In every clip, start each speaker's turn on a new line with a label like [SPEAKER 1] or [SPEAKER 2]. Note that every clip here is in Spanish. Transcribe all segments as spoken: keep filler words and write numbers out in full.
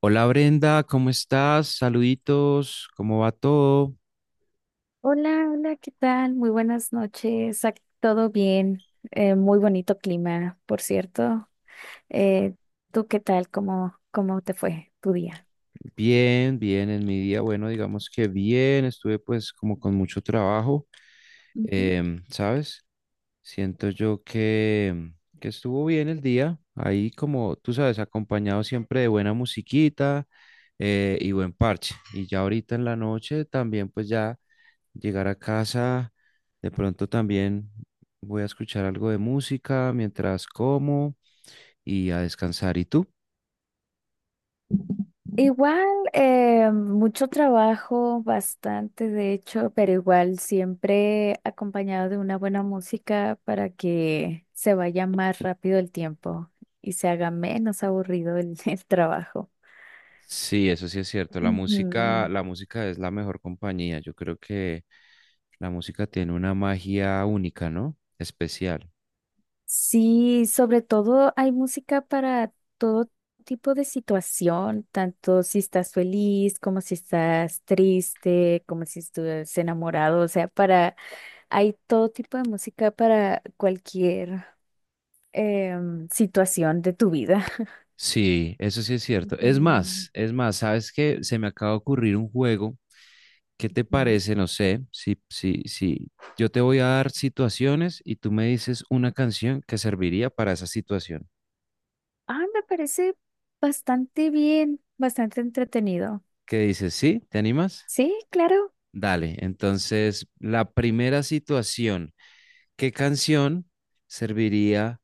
[SPEAKER 1] Hola Brenda, ¿cómo estás? Saluditos, ¿cómo va todo?
[SPEAKER 2] Hola, hola, ¿qué tal? Muy buenas noches. Ac- Todo bien. Eh, muy bonito clima, por cierto. Eh, ¿tú qué tal? ¿Cómo, cómo te fue tu día?
[SPEAKER 1] Bien, bien, en mi día, bueno, digamos que bien, estuve pues como con mucho trabajo,
[SPEAKER 2] Ujú.
[SPEAKER 1] em, ¿sabes? Siento yo que, que estuvo bien el día, ahí como tú sabes, acompañado siempre de buena musiquita eh, y buen parche. Y ya ahorita en la noche también pues ya llegar a casa, de pronto también voy a escuchar algo de música mientras como. Y a descansar. ¿Y tú?
[SPEAKER 2] Igual, eh, mucho trabajo, bastante de hecho, pero igual siempre acompañado de una buena música para que se vaya más rápido el tiempo y se haga menos aburrido el, el trabajo.
[SPEAKER 1] Sí, eso sí es cierto. La música,
[SPEAKER 2] Ujú.
[SPEAKER 1] la música es la mejor compañía. Yo creo que la música tiene una magia única, ¿no? Especial.
[SPEAKER 2] Sí, sobre todo hay música para todo tipo de situación, tanto si estás feliz, como si estás triste, como si estuvieras enamorado, o sea, para, hay todo tipo de música para cualquier em, situación de tu vida.
[SPEAKER 1] Sí, eso sí es cierto. Es
[SPEAKER 2] Ujú,
[SPEAKER 1] más, es más, ¿sabes qué? Se me acaba de ocurrir un juego. ¿Qué te
[SPEAKER 2] ujú.
[SPEAKER 1] parece? No sé, si, si, si yo te voy a dar situaciones y tú me dices una canción que serviría para esa situación.
[SPEAKER 2] Ah, me parece bastante bien, bastante entretenido.
[SPEAKER 1] ¿Qué dices? ¿Sí? ¿Te animas?
[SPEAKER 2] Sí, claro.
[SPEAKER 1] Dale. Entonces, la primera situación. ¿Qué canción serviría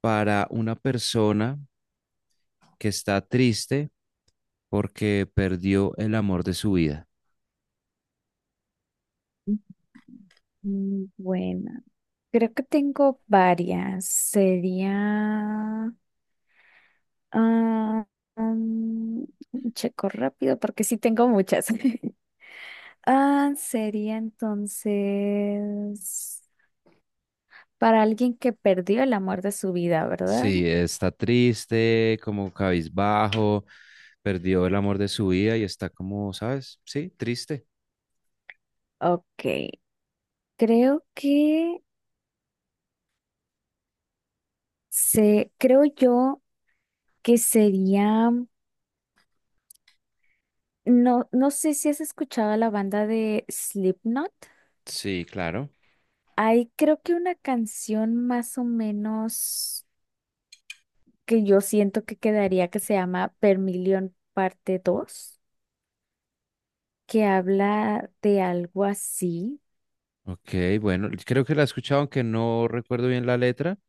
[SPEAKER 1] para una persona que está triste porque perdió el amor de su vida?
[SPEAKER 2] Mm, Bueno, creo que tengo varias. Sería... ah, mm, checo rápido porque sí tengo muchas. Ah, sería entonces para alguien que perdió el amor de su vida, ¿verdad?
[SPEAKER 1] Sí, está triste, como cabizbajo, perdió el amor de su vida y está como, ¿sabes? Sí, triste.
[SPEAKER 2] Ok, creo que se, creo yo que sería, no, no sé si has escuchado la banda de Slipknot.
[SPEAKER 1] Sí, claro.
[SPEAKER 2] Hay creo que una canción más o menos que yo siento que quedaría que se llama Vermilion parte dos que habla de algo así.
[SPEAKER 1] Ok, bueno, creo que la he escuchado, aunque no recuerdo bien la letra,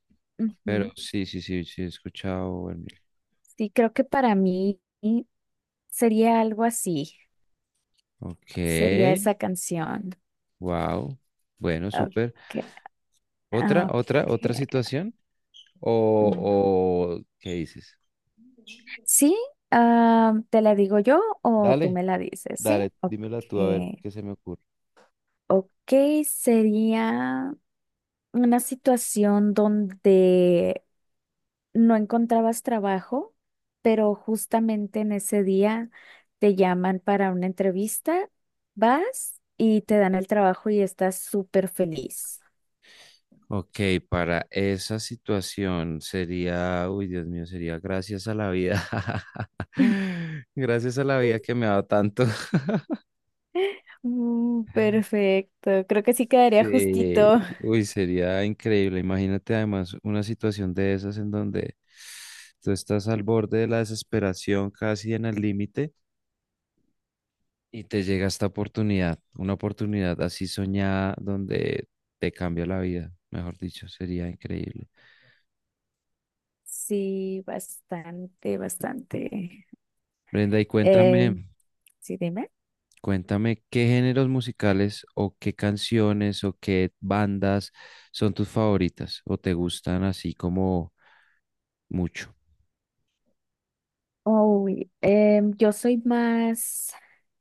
[SPEAKER 1] pero
[SPEAKER 2] Ujú.
[SPEAKER 1] sí, sí, sí, sí, he escuchado. El mil.
[SPEAKER 2] Sí, creo que para mí sería algo así,
[SPEAKER 1] Ok,
[SPEAKER 2] sería esa canción.
[SPEAKER 1] wow. Bueno,
[SPEAKER 2] Ok,
[SPEAKER 1] súper. Otra, otra, otra
[SPEAKER 2] ok.
[SPEAKER 1] situación. ¿O,
[SPEAKER 2] Mm.
[SPEAKER 1] o qué dices?
[SPEAKER 2] Sí, ah, ¿te la digo yo o tú
[SPEAKER 1] Dale,
[SPEAKER 2] me la dices? Sí,
[SPEAKER 1] dale,
[SPEAKER 2] ok.
[SPEAKER 1] dímela tú a ver qué se me ocurre.
[SPEAKER 2] Ok, sería... una situación donde no encontrabas trabajo, pero justamente en ese día te llaman para una entrevista, vas y te dan el trabajo y estás súper feliz.
[SPEAKER 1] Ok, para esa situación sería, uy, Dios mío, sería gracias a la vida. Gracias a la vida que me ha dado tanto.
[SPEAKER 2] Uh, perfecto, creo que sí quedaría
[SPEAKER 1] Sí,
[SPEAKER 2] justito.
[SPEAKER 1] uy, sería increíble. Imagínate además una situación de esas en donde tú estás al borde de la desesperación, casi en el límite. Y te llega esta oportunidad, una oportunidad así soñada donde te cambia la vida, mejor dicho, sería increíble.
[SPEAKER 2] Sí, bastante, bastante.
[SPEAKER 1] Brenda, y
[SPEAKER 2] Eh,
[SPEAKER 1] cuéntame,
[SPEAKER 2] Sí, dime.
[SPEAKER 1] cuéntame qué géneros musicales o qué canciones o qué bandas son tus favoritas o te gustan así como mucho.
[SPEAKER 2] Uy, em, yo soy más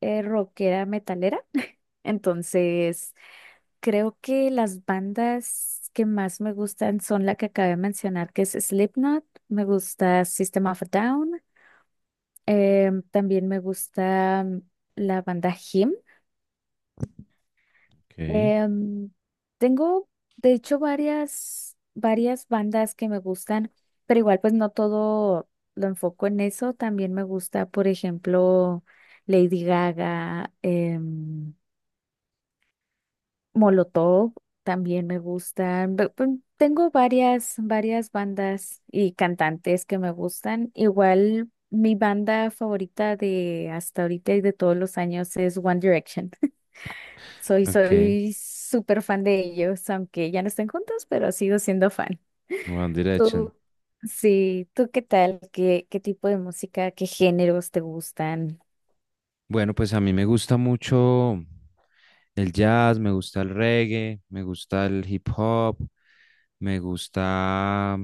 [SPEAKER 2] eh, rockera metalera, entonces creo que las bandas que más me gustan son la que acabé de mencionar, que es Slipknot, me gusta System of a Down, em, también me gusta mm, la banda Him.
[SPEAKER 1] Ok,
[SPEAKER 2] Em, tengo, de hecho, varias, varias bandas que me gustan, pero igual pues no todo lo enfoco en eso. También me gusta, por ejemplo, Lady Gaga, em, Molotov también me gustan. Ve- pe- Tengo varias, varias bandas y cantantes que me gustan. Igual mi banda favorita de hasta ahorita y de todos los años es One Direction. Soy,
[SPEAKER 1] ok,
[SPEAKER 2] soy súper fan de ellos, aunque ya no estén juntos, pero sigo siendo fan.
[SPEAKER 1] One Direction.
[SPEAKER 2] Tú, sí, ¿tú qué tal? ¿Qué, qué tipo de música, qué géneros te gustan?
[SPEAKER 1] Bueno, pues a mí me gusta mucho el jazz, me gusta el reggae, me gusta el hip hop. Me gusta,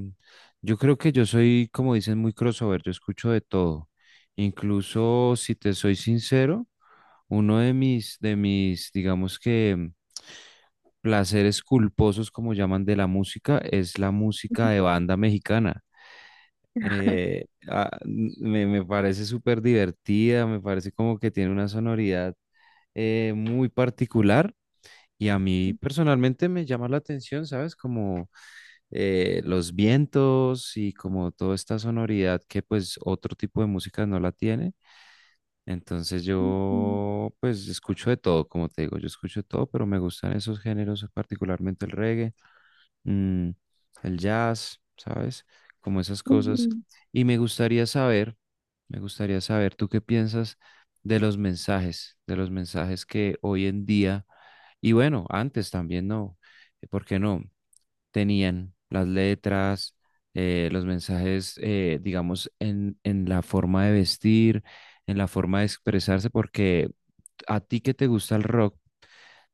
[SPEAKER 1] yo creo que yo soy, como dicen, muy crossover, yo escucho de todo. Incluso, si te soy sincero, uno de mis, de mis, digamos que, placeres culposos, como llaman, de la música, es la música de banda mexicana. Eh, ah, n- me, me parece súper divertida, me parece como que tiene una sonoridad eh, muy particular y a mí personalmente me llama la atención, ¿sabes? Como eh, los vientos y como toda esta sonoridad que pues otro tipo de música no la tiene. Entonces
[SPEAKER 2] Ujú,
[SPEAKER 1] yo pues escucho de todo, como te digo, yo escucho de todo, pero me gustan esos géneros, particularmente el reggae, mm, el jazz, ¿sabes? Como esas
[SPEAKER 2] ujú,
[SPEAKER 1] cosas. Y me gustaría saber, me gustaría saber, ¿tú qué piensas de los mensajes, de los mensajes que hoy en día, y bueno, antes también no, ¿por qué no? tenían las letras, eh, los mensajes, eh, digamos, en, en la forma de vestir, en la forma de expresarse, porque a ti que te gusta el rock,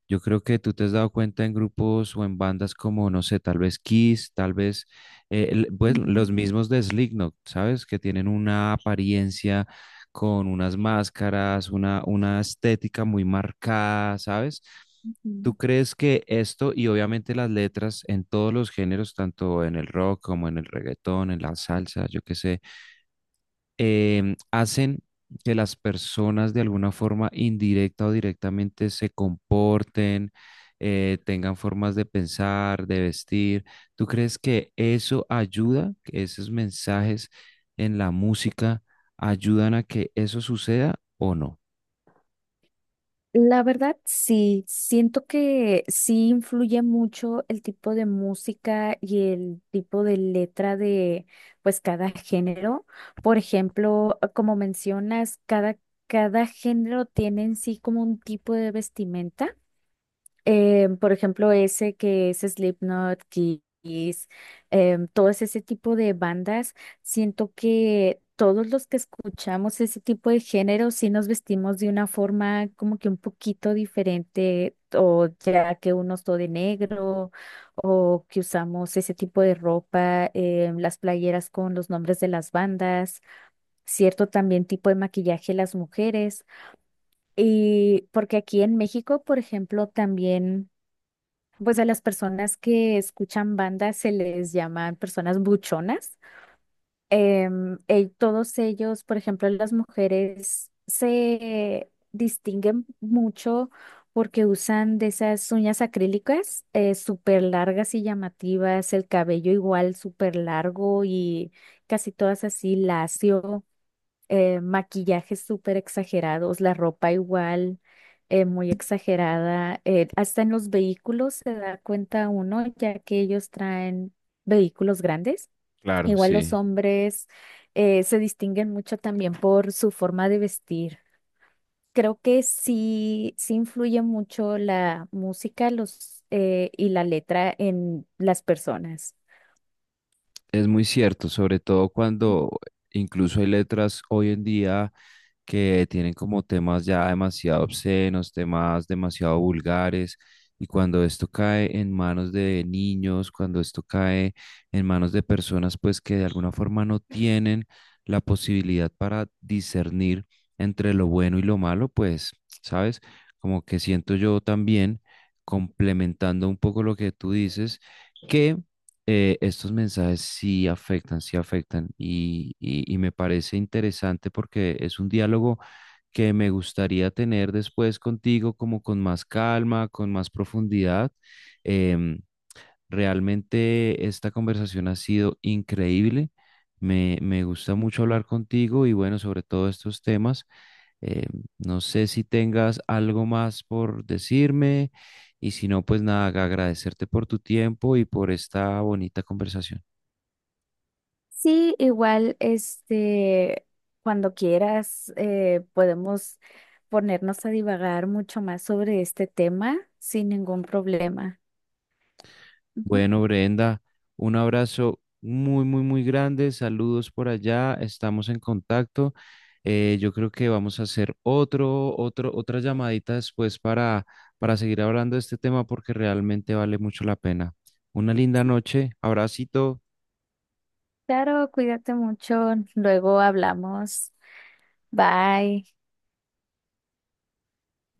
[SPEAKER 1] yo creo que tú te has dado cuenta en grupos o en bandas como, no sé, tal vez Kiss, tal vez eh, el- pues,
[SPEAKER 2] ujú,
[SPEAKER 1] los mismos de Slipknot, ¿sabes? Que tienen una apariencia con unas máscaras, una, una estética muy marcada, ¿sabes? ¿Tú
[SPEAKER 2] ujú.
[SPEAKER 1] crees que esto y obviamente las letras en todos los géneros, tanto en el rock como en el reggaetón, en la salsa, yo qué sé, em, hacen que las personas de alguna forma indirecta o directamente se comporten, eh, tengan formas de pensar, de vestir. ¿Tú crees que eso ayuda, que esos mensajes en la música ayudan a que eso suceda o no?
[SPEAKER 2] La verdad, sí, siento que sí influye mucho el tipo de música y el tipo de letra de pues cada género. Por ejemplo, como mencionas, cada, cada género tiene en sí como un tipo de vestimenta. Eh, por ejemplo, ese que es Slipknot, Kiss, em, todo ese ese tipo de bandas, siento que todos los que escuchamos ese tipo de género sí nos vestimos de una forma como que un poquito diferente, o ya que uno es todo de negro, o que usamos ese tipo de ropa, em, las playeras con los nombres de las bandas, cierto también tipo de maquillaje las mujeres. Y porque aquí en México, por ejemplo, también pues a las personas que escuchan bandas se les llaman personas buchonas. Em, eh, todos ellos, por ejemplo, las mujeres se distinguen mucho porque usan de esas uñas acrílicas eh, súper largas y llamativas, el cabello igual súper largo y casi todas así lacio, eh, maquillajes súper exagerados, la ropa igual, eh, muy exagerada. eh, hasta en los vehículos se da cuenta uno, ya que ellos traen vehículos grandes.
[SPEAKER 1] Claro,
[SPEAKER 2] Igual los
[SPEAKER 1] sí.
[SPEAKER 2] hombres eh, se distinguen mucho también por su forma de vestir. Creo que sí, sí influye mucho la música, los, eh, y la letra en las personas.
[SPEAKER 1] Es muy cierto, sobre todo cuando incluso hay letras hoy en día que tienen como temas ya demasiado obscenos, temas demasiado vulgares, y cuando esto cae en manos de niños, cuando esto cae en manos de personas pues que de alguna forma no tienen la posibilidad para discernir entre lo bueno y lo malo, pues, ¿sabes? Como que siento yo también, complementando un poco lo que tú dices, que eh, estos mensajes sí afectan, sí afectan y, y- y me parece interesante porque es un diálogo que me gustaría tener después contigo como con más calma, con más profundidad. Em, Realmente esta conversación ha sido increíble. Me, me gusta mucho hablar contigo y bueno, sobre todo estos temas. Eh, no sé si tengas algo más por decirme y si no, pues nada, ag- agradecerte por tu tiempo y por esta bonita conversación.
[SPEAKER 2] Sí, igual, este, cuando quieras, eh, podemos ponernos a divagar mucho más sobre este tema sin ningún problema. Ujú.
[SPEAKER 1] Bueno, Brenda, un abrazo muy, muy, muy grande. Saludos por allá. Estamos en contacto. Eh, yo creo que vamos a hacer otro, otro, otra llamadita después para, para seguir hablando de este tema porque realmente vale mucho la pena. Una linda noche. Abracito.
[SPEAKER 2] Claro, cuídate mucho. Luego hablamos. Bye.